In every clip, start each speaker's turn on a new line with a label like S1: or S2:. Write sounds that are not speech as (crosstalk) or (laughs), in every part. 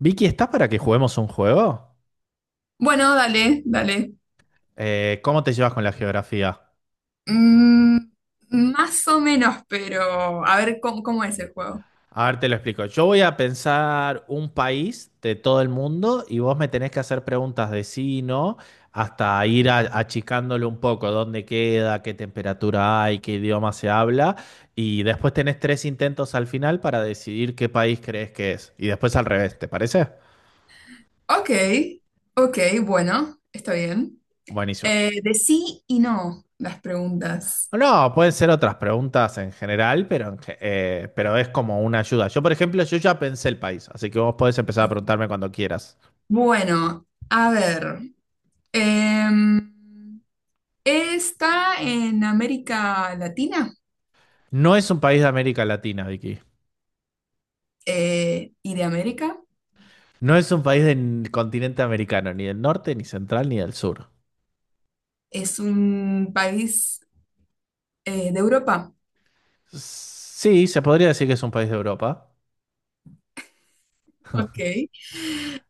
S1: Vicky, ¿estás para que juguemos un juego?
S2: Bueno, dale, dale.
S1: ¿Cómo te llevas con la geografía?
S2: Mm, más o menos, pero a ver cómo es el juego.
S1: A ver, te lo explico. Yo voy a pensar un país de todo el mundo y vos me tenés que hacer preguntas de sí y no, hasta ir achicándole un poco dónde queda, qué temperatura hay, qué idioma se habla. Y después tenés tres intentos al final para decidir qué país crees que es. Y después al revés, ¿te parece?
S2: Ok, ok, bueno, está bien.
S1: Buenísimo.
S2: De sí y no las preguntas.
S1: No, pueden ser otras preguntas en general, pero, pero es como una ayuda. Yo, por ejemplo, yo ya pensé el país, así que vos podés empezar a preguntarme cuando quieras.
S2: Bueno, a ver. em, Está en América Latina
S1: No es un país de América Latina, Vicky.
S2: y de América.
S1: No es un país del continente americano, ni del norte, ni central, ni del sur.
S2: Es un país de Europa.
S1: Sí, se podría decir que es un país de Europa.
S2: Ok.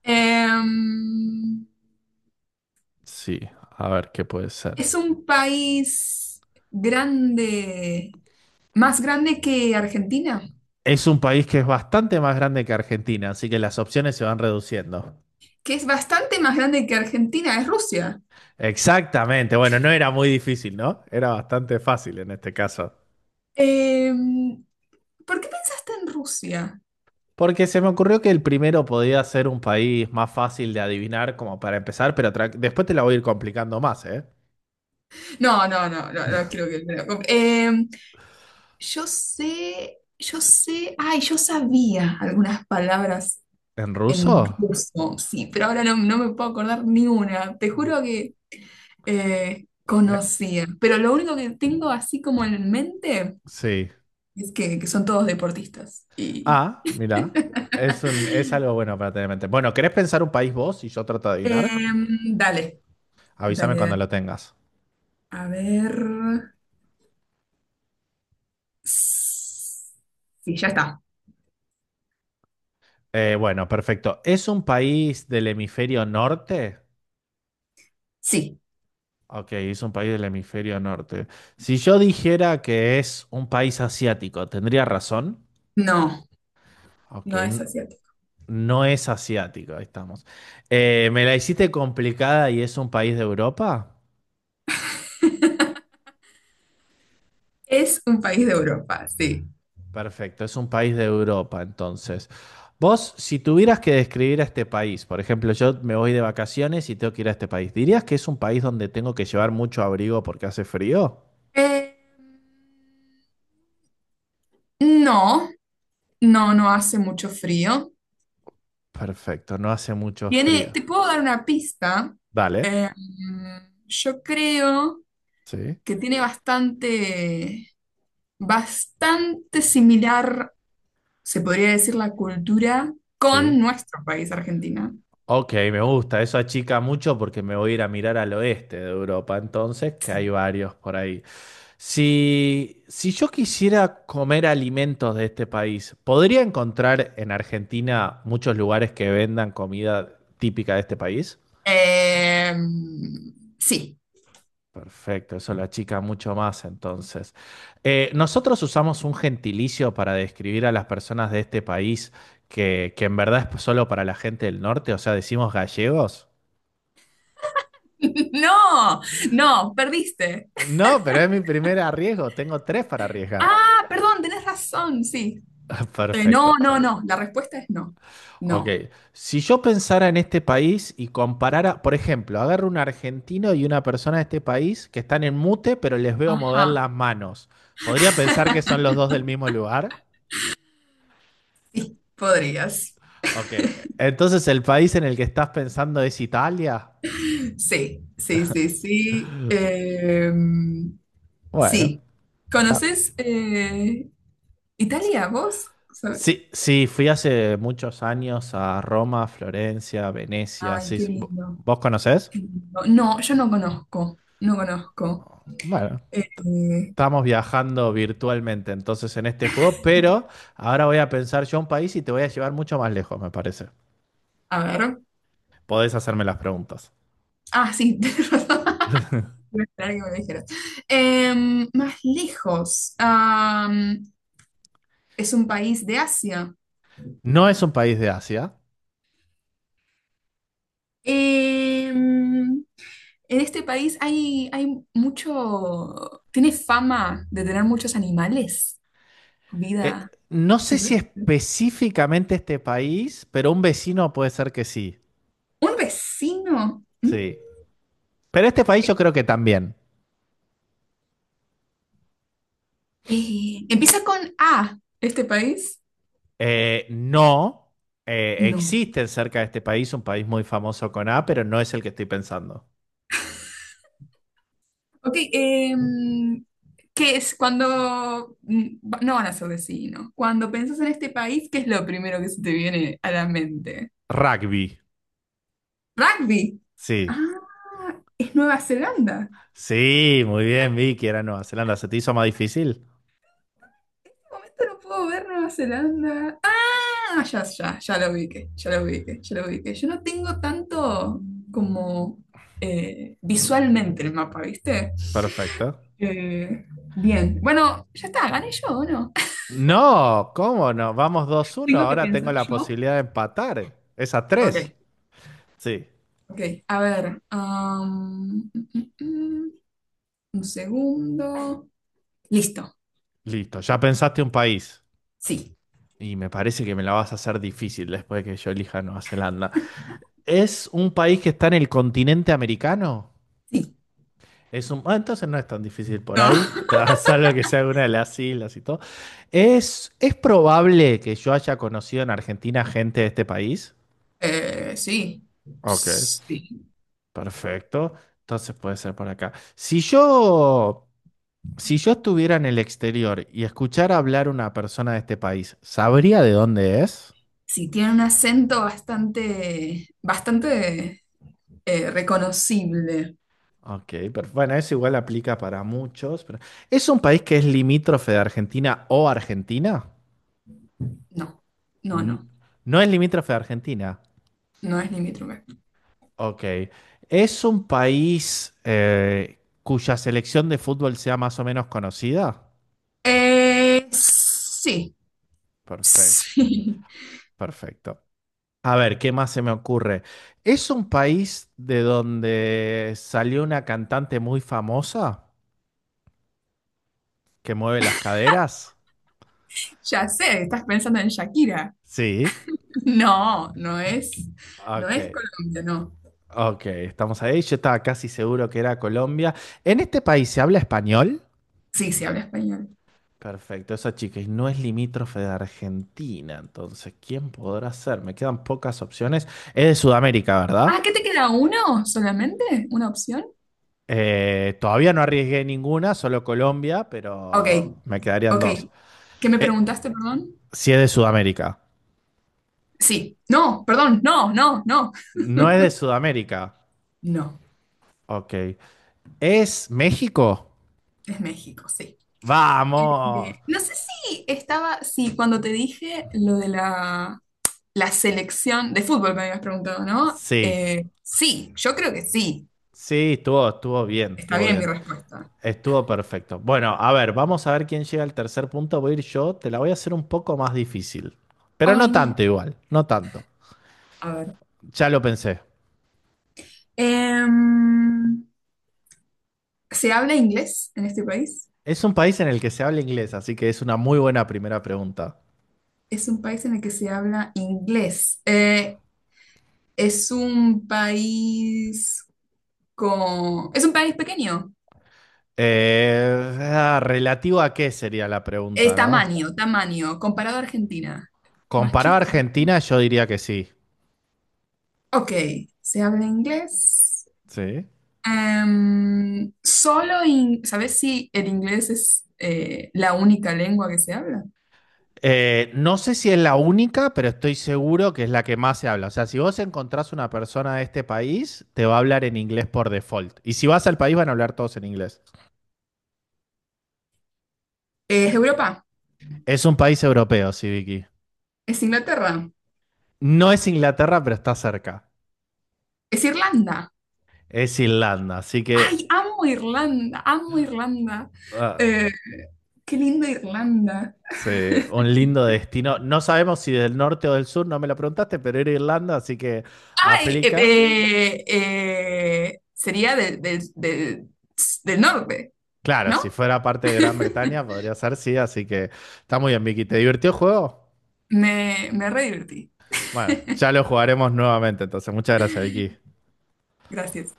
S2: Em,
S1: Sí, a ver qué puede ser.
S2: Es un país grande, más grande que Argentina,
S1: Es un país que es bastante más grande que Argentina, así que las opciones se van reduciendo.
S2: que es bastante más grande que Argentina, es Rusia.
S1: Exactamente, bueno, no era muy difícil, ¿no? Era bastante fácil en este caso.
S2: Em, ¿Por qué pensaste en Rusia?
S1: Porque se me ocurrió que el primero podía ser un país más fácil de adivinar como para empezar, pero después te la voy a ir complicando más, ¿eh?
S2: No, no, no, no, no quiero que me lo yo
S1: S-
S2: sé, ay, yo sabía algunas palabras
S1: ¿En ruso?
S2: en ruso, sí, pero ahora no me puedo acordar ni una. Te juro que
S1: Eh,
S2: conocía, pero lo único que tengo así como en mente...
S1: Sí.
S2: Es que son todos deportistas. Y...
S1: Ah, mira. Es un, es algo
S2: (laughs)
S1: bueno para tener en mente. Bueno, ¿querés pensar un país vos y yo trato de adivinar?
S2: Em, dale,
S1: Avísame
S2: dale,
S1: cuando
S2: dale.
S1: lo tengas.
S2: A ver. Sí, ya está.
S1: Bueno, perfecto. ¿Es un país del hemisferio norte?
S2: Sí.
S1: Ok, es un país del hemisferio norte. Si yo dijera que es un país asiático, ¿tendría razón?
S2: No,
S1: Ok,
S2: no es asiático.
S1: no es asiático, ahí estamos. ¿Me la hiciste complicada y es un país de Europa?
S2: (laughs) Es un país de Europa, sí.
S1: Perfecto, es un país de Europa, entonces. Vos, si tuvieras que describir a este país, por ejemplo, yo me voy de vacaciones y tengo que ir a este país, ¿dirías que es un país donde tengo que llevar mucho abrigo porque hace frío?
S2: Eh, no, no, no hace mucho frío.
S1: Perfecto, no hace mucho
S2: Tiene,
S1: frío.
S2: te puedo dar una pista.
S1: Dale.
S2: Eh, yo creo.
S1: Sí,
S2: Que tiene bastante, bastante similar, se podría decir, la cultura
S1: sí.
S2: con nuestro país, Argentina.
S1: Ok, me gusta. Eso achica mucho porque me voy a ir a mirar al oeste de Europa, entonces, que hay
S2: Sí.
S1: varios por ahí. Si, si yo quisiera comer alimentos de este país, ¿podría encontrar en Argentina muchos lugares que vendan comida típica de este país?
S2: Eh, sí.
S1: Perfecto, eso lo achica mucho más entonces. Nosotros usamos un gentilicio para describir a las personas de este país que en verdad es solo para la gente del norte, o sea, decimos gallegos.
S2: (laughs) No, no, perdiste.
S1: No, pero es mi
S2: (laughs)
S1: primer arriesgo. Tengo tres para arriesgar.
S2: Ah, perdón, tenés razón, sí.
S1: (laughs) Perfecto.
S2: No, no, no, la respuesta es no.
S1: Ok.
S2: No.
S1: Si yo pensara en este país y comparara, por ejemplo, agarro un argentino y una persona de este país que están en mute, pero les veo mover
S2: Ajá.
S1: las manos. ¿Podría pensar que son los dos
S2: (laughs)
S1: del mismo lugar?
S2: Sí, podrías.
S1: Ok. Entonces, ¿el país en el que estás pensando es Italia?
S2: Sí, sí, sí, sí.
S1: Bueno,
S2: Sí.
S1: está.
S2: ¿Conoces Italia, vos? ¿Sabes?
S1: Sí, sí, fui hace muchos años a Roma, Florencia, Venecia.
S2: Ay,
S1: Sí,
S2: qué
S1: ¿Vos
S2: lindo,
S1: vos conocés?
S2: qué lindo. No, yo no conozco, no conozco.
S1: Bueno.
S2: Eh,
S1: Estamos viajando virtualmente entonces en este juego, pero ahora voy a pensar yo un país y te voy a llevar mucho más lejos, me parece.
S2: a ver.
S1: Podés hacerme las preguntas.
S2: Ah, sí, (laughs) tenés razón. Iba a esperar que me lo dijeras. Más lejos. Es un país de Asia.
S1: No es un país de Asia.
S2: Em, En este país hay mucho, tiene fama de tener muchos animales,
S1: Eh,
S2: vida
S1: no sé si
S2: silvestre.
S1: específicamente este país, pero un vecino puede ser que sí.
S2: Un vecino. ¿Mm?
S1: Sí. Pero este país yo creo que también.
S2: Empieza con A, este país.
S1: No.
S2: No.
S1: Existe cerca de este país un país muy famoso con A, pero no es el que estoy pensando.
S2: Ok, ¿qué es cuando... No van a ser vecinos. Cuando pensás en este país, ¿qué es lo primero que se te viene a la mente?
S1: Rugby.
S2: Rugby. Ah,
S1: Sí.
S2: es Nueva Zelanda.
S1: Sí, muy bien, Vicky, era Nueva Zelanda. ¿Se te hizo más difícil?
S2: De momento no puedo ver Nueva Zelanda. Ah, ya, ya, ya lo ubiqué, ya lo ubiqué, ya lo ubiqué. Yo no tengo tanto como visualmente el mapa, ¿viste?
S1: Perfecto.
S2: Eh, bien, bueno, ya está, gané yo, ¿o no?
S1: No, ¿cómo no? Vamos dos
S2: (laughs)
S1: uno.
S2: Tengo que
S1: Ahora tengo
S2: pensar
S1: la
S2: yo.
S1: posibilidad de empatar. Es a
S2: Ok,
S1: 3. Sí.
S2: ok, a ver. Am, mm, mm, mm, un segundo. Listo,
S1: Listo, ya pensaste un país.
S2: sí,
S1: Y me parece que me la vas a hacer difícil después de que yo elija Nueva Zelanda. ¿Es un país que está en el continente americano?
S2: sí.
S1: Es un... ah, entonces no es tan difícil por ahí,
S2: No,
S1: (laughs) salvo que sea una de las islas y todo. ¿Es probable que yo haya conocido en Argentina gente de este país?
S2: (laughs) sí,
S1: Ok.
S2: sí.
S1: Perfecto. Entonces puede ser por acá. Si yo estuviera en el exterior y escuchara hablar una persona de este país, ¿sabría de dónde es?
S2: Sí, tiene un acento bastante, bastante reconocible.
S1: Ok, pero bueno, eso igual aplica para muchos, pero ¿es un país que es limítrofe de Argentina o Argentina?
S2: No, no, no,
S1: N- No es limítrofe de Argentina.
S2: no es limítrofe.
S1: Ok. ¿Es un país cuya selección de fútbol sea más o menos conocida?
S2: Sí,
S1: Perfecto,
S2: sí,
S1: perfecto. A ver, ¿qué más se me ocurre? ¿Es un país de donde salió una cantante muy famosa que mueve las caderas?
S2: (laughs) ya sé, estás pensando en Shakira.
S1: Sí.
S2: (laughs) No, no es, no
S1: Ok,
S2: es Colombia, no.
S1: ok, estamos ahí. Yo estaba casi seguro que era Colombia. ¿En este país se habla español?
S2: Sí, sí, habla español.
S1: Perfecto, esa chica y no es limítrofe de Argentina, entonces, ¿quién podrá ser? Me quedan pocas opciones. Es de Sudamérica,
S2: Ah,
S1: ¿verdad?
S2: ¿qué te queda uno solamente? ¿Una opción?
S1: Todavía no arriesgué ninguna, solo Colombia,
S2: Ok,
S1: pero me quedarían
S2: ok.
S1: dos.
S2: ¿Qué me
S1: Eh,
S2: preguntaste, perdón?
S1: Si es de Sudamérica.
S2: Sí, no, perdón, no, no, no.
S1: No es de Sudamérica.
S2: No,
S1: Ok. ¿Es México?
S2: es México, sí.
S1: Vamos.
S2: No sé si estaba, sí, cuando te dije lo la selección de fútbol me habías preguntado, ¿no?
S1: Sí.
S2: Sí, yo creo que sí.
S1: Sí, estuvo bien,
S2: Está
S1: estuvo
S2: bien mi
S1: bien.
S2: respuesta.
S1: Estuvo perfecto. Bueno, a ver, vamos a ver quién llega al tercer punto. Voy a ir yo. Te la voy a hacer un poco más difícil. Pero
S2: Ay,
S1: no
S2: no.
S1: tanto igual, no tanto.
S2: A ver.
S1: Ya lo pensé.
S2: Em, ¿Se habla inglés en este país?
S1: Es un país en el que se habla inglés, así que es una muy buena primera pregunta.
S2: Es un país en el que se habla inglés. Es un país con... Es un país pequeño.
S1: ¿Relativo a qué sería la
S2: Es
S1: pregunta, no?
S2: tamaño, tamaño, comparado a Argentina. Más
S1: Comparado a
S2: chico.
S1: Argentina, yo diría que sí.
S2: Ok, se habla inglés.
S1: Sí.
S2: Solo, ¿sabes si el inglés es la única lengua que se habla?
S1: No sé si es la única, pero estoy seguro que es la que más se habla. O sea, si vos encontrás una persona de este país, te va a hablar en inglés por default. Y si vas al país, van a hablar todos en inglés.
S2: Es Europa,
S1: Es un país europeo, sí, Vicky.
S2: es Inglaterra,
S1: No es Inglaterra, pero está cerca.
S2: es Irlanda.
S1: Es Irlanda, así que
S2: ¡Ay, amo Irlanda! ¡Amo Irlanda!
S1: ah,
S2: Eh, ¡Qué linda Irlanda!
S1: sí, un lindo destino. No sabemos si del norte o del sur, no me lo preguntaste, pero era Irlanda, así que
S2: Ay,
S1: aplica.
S2: sería del norte,
S1: Claro, si
S2: ¿no?
S1: fuera parte de Gran Bretaña, podría ser sí, así que está muy bien, Vicky. ¿Te divirtió el juego?
S2: Me re divertí.
S1: Bueno, ya lo jugaremos nuevamente, entonces. Muchas gracias, Vicky.
S2: Gracias.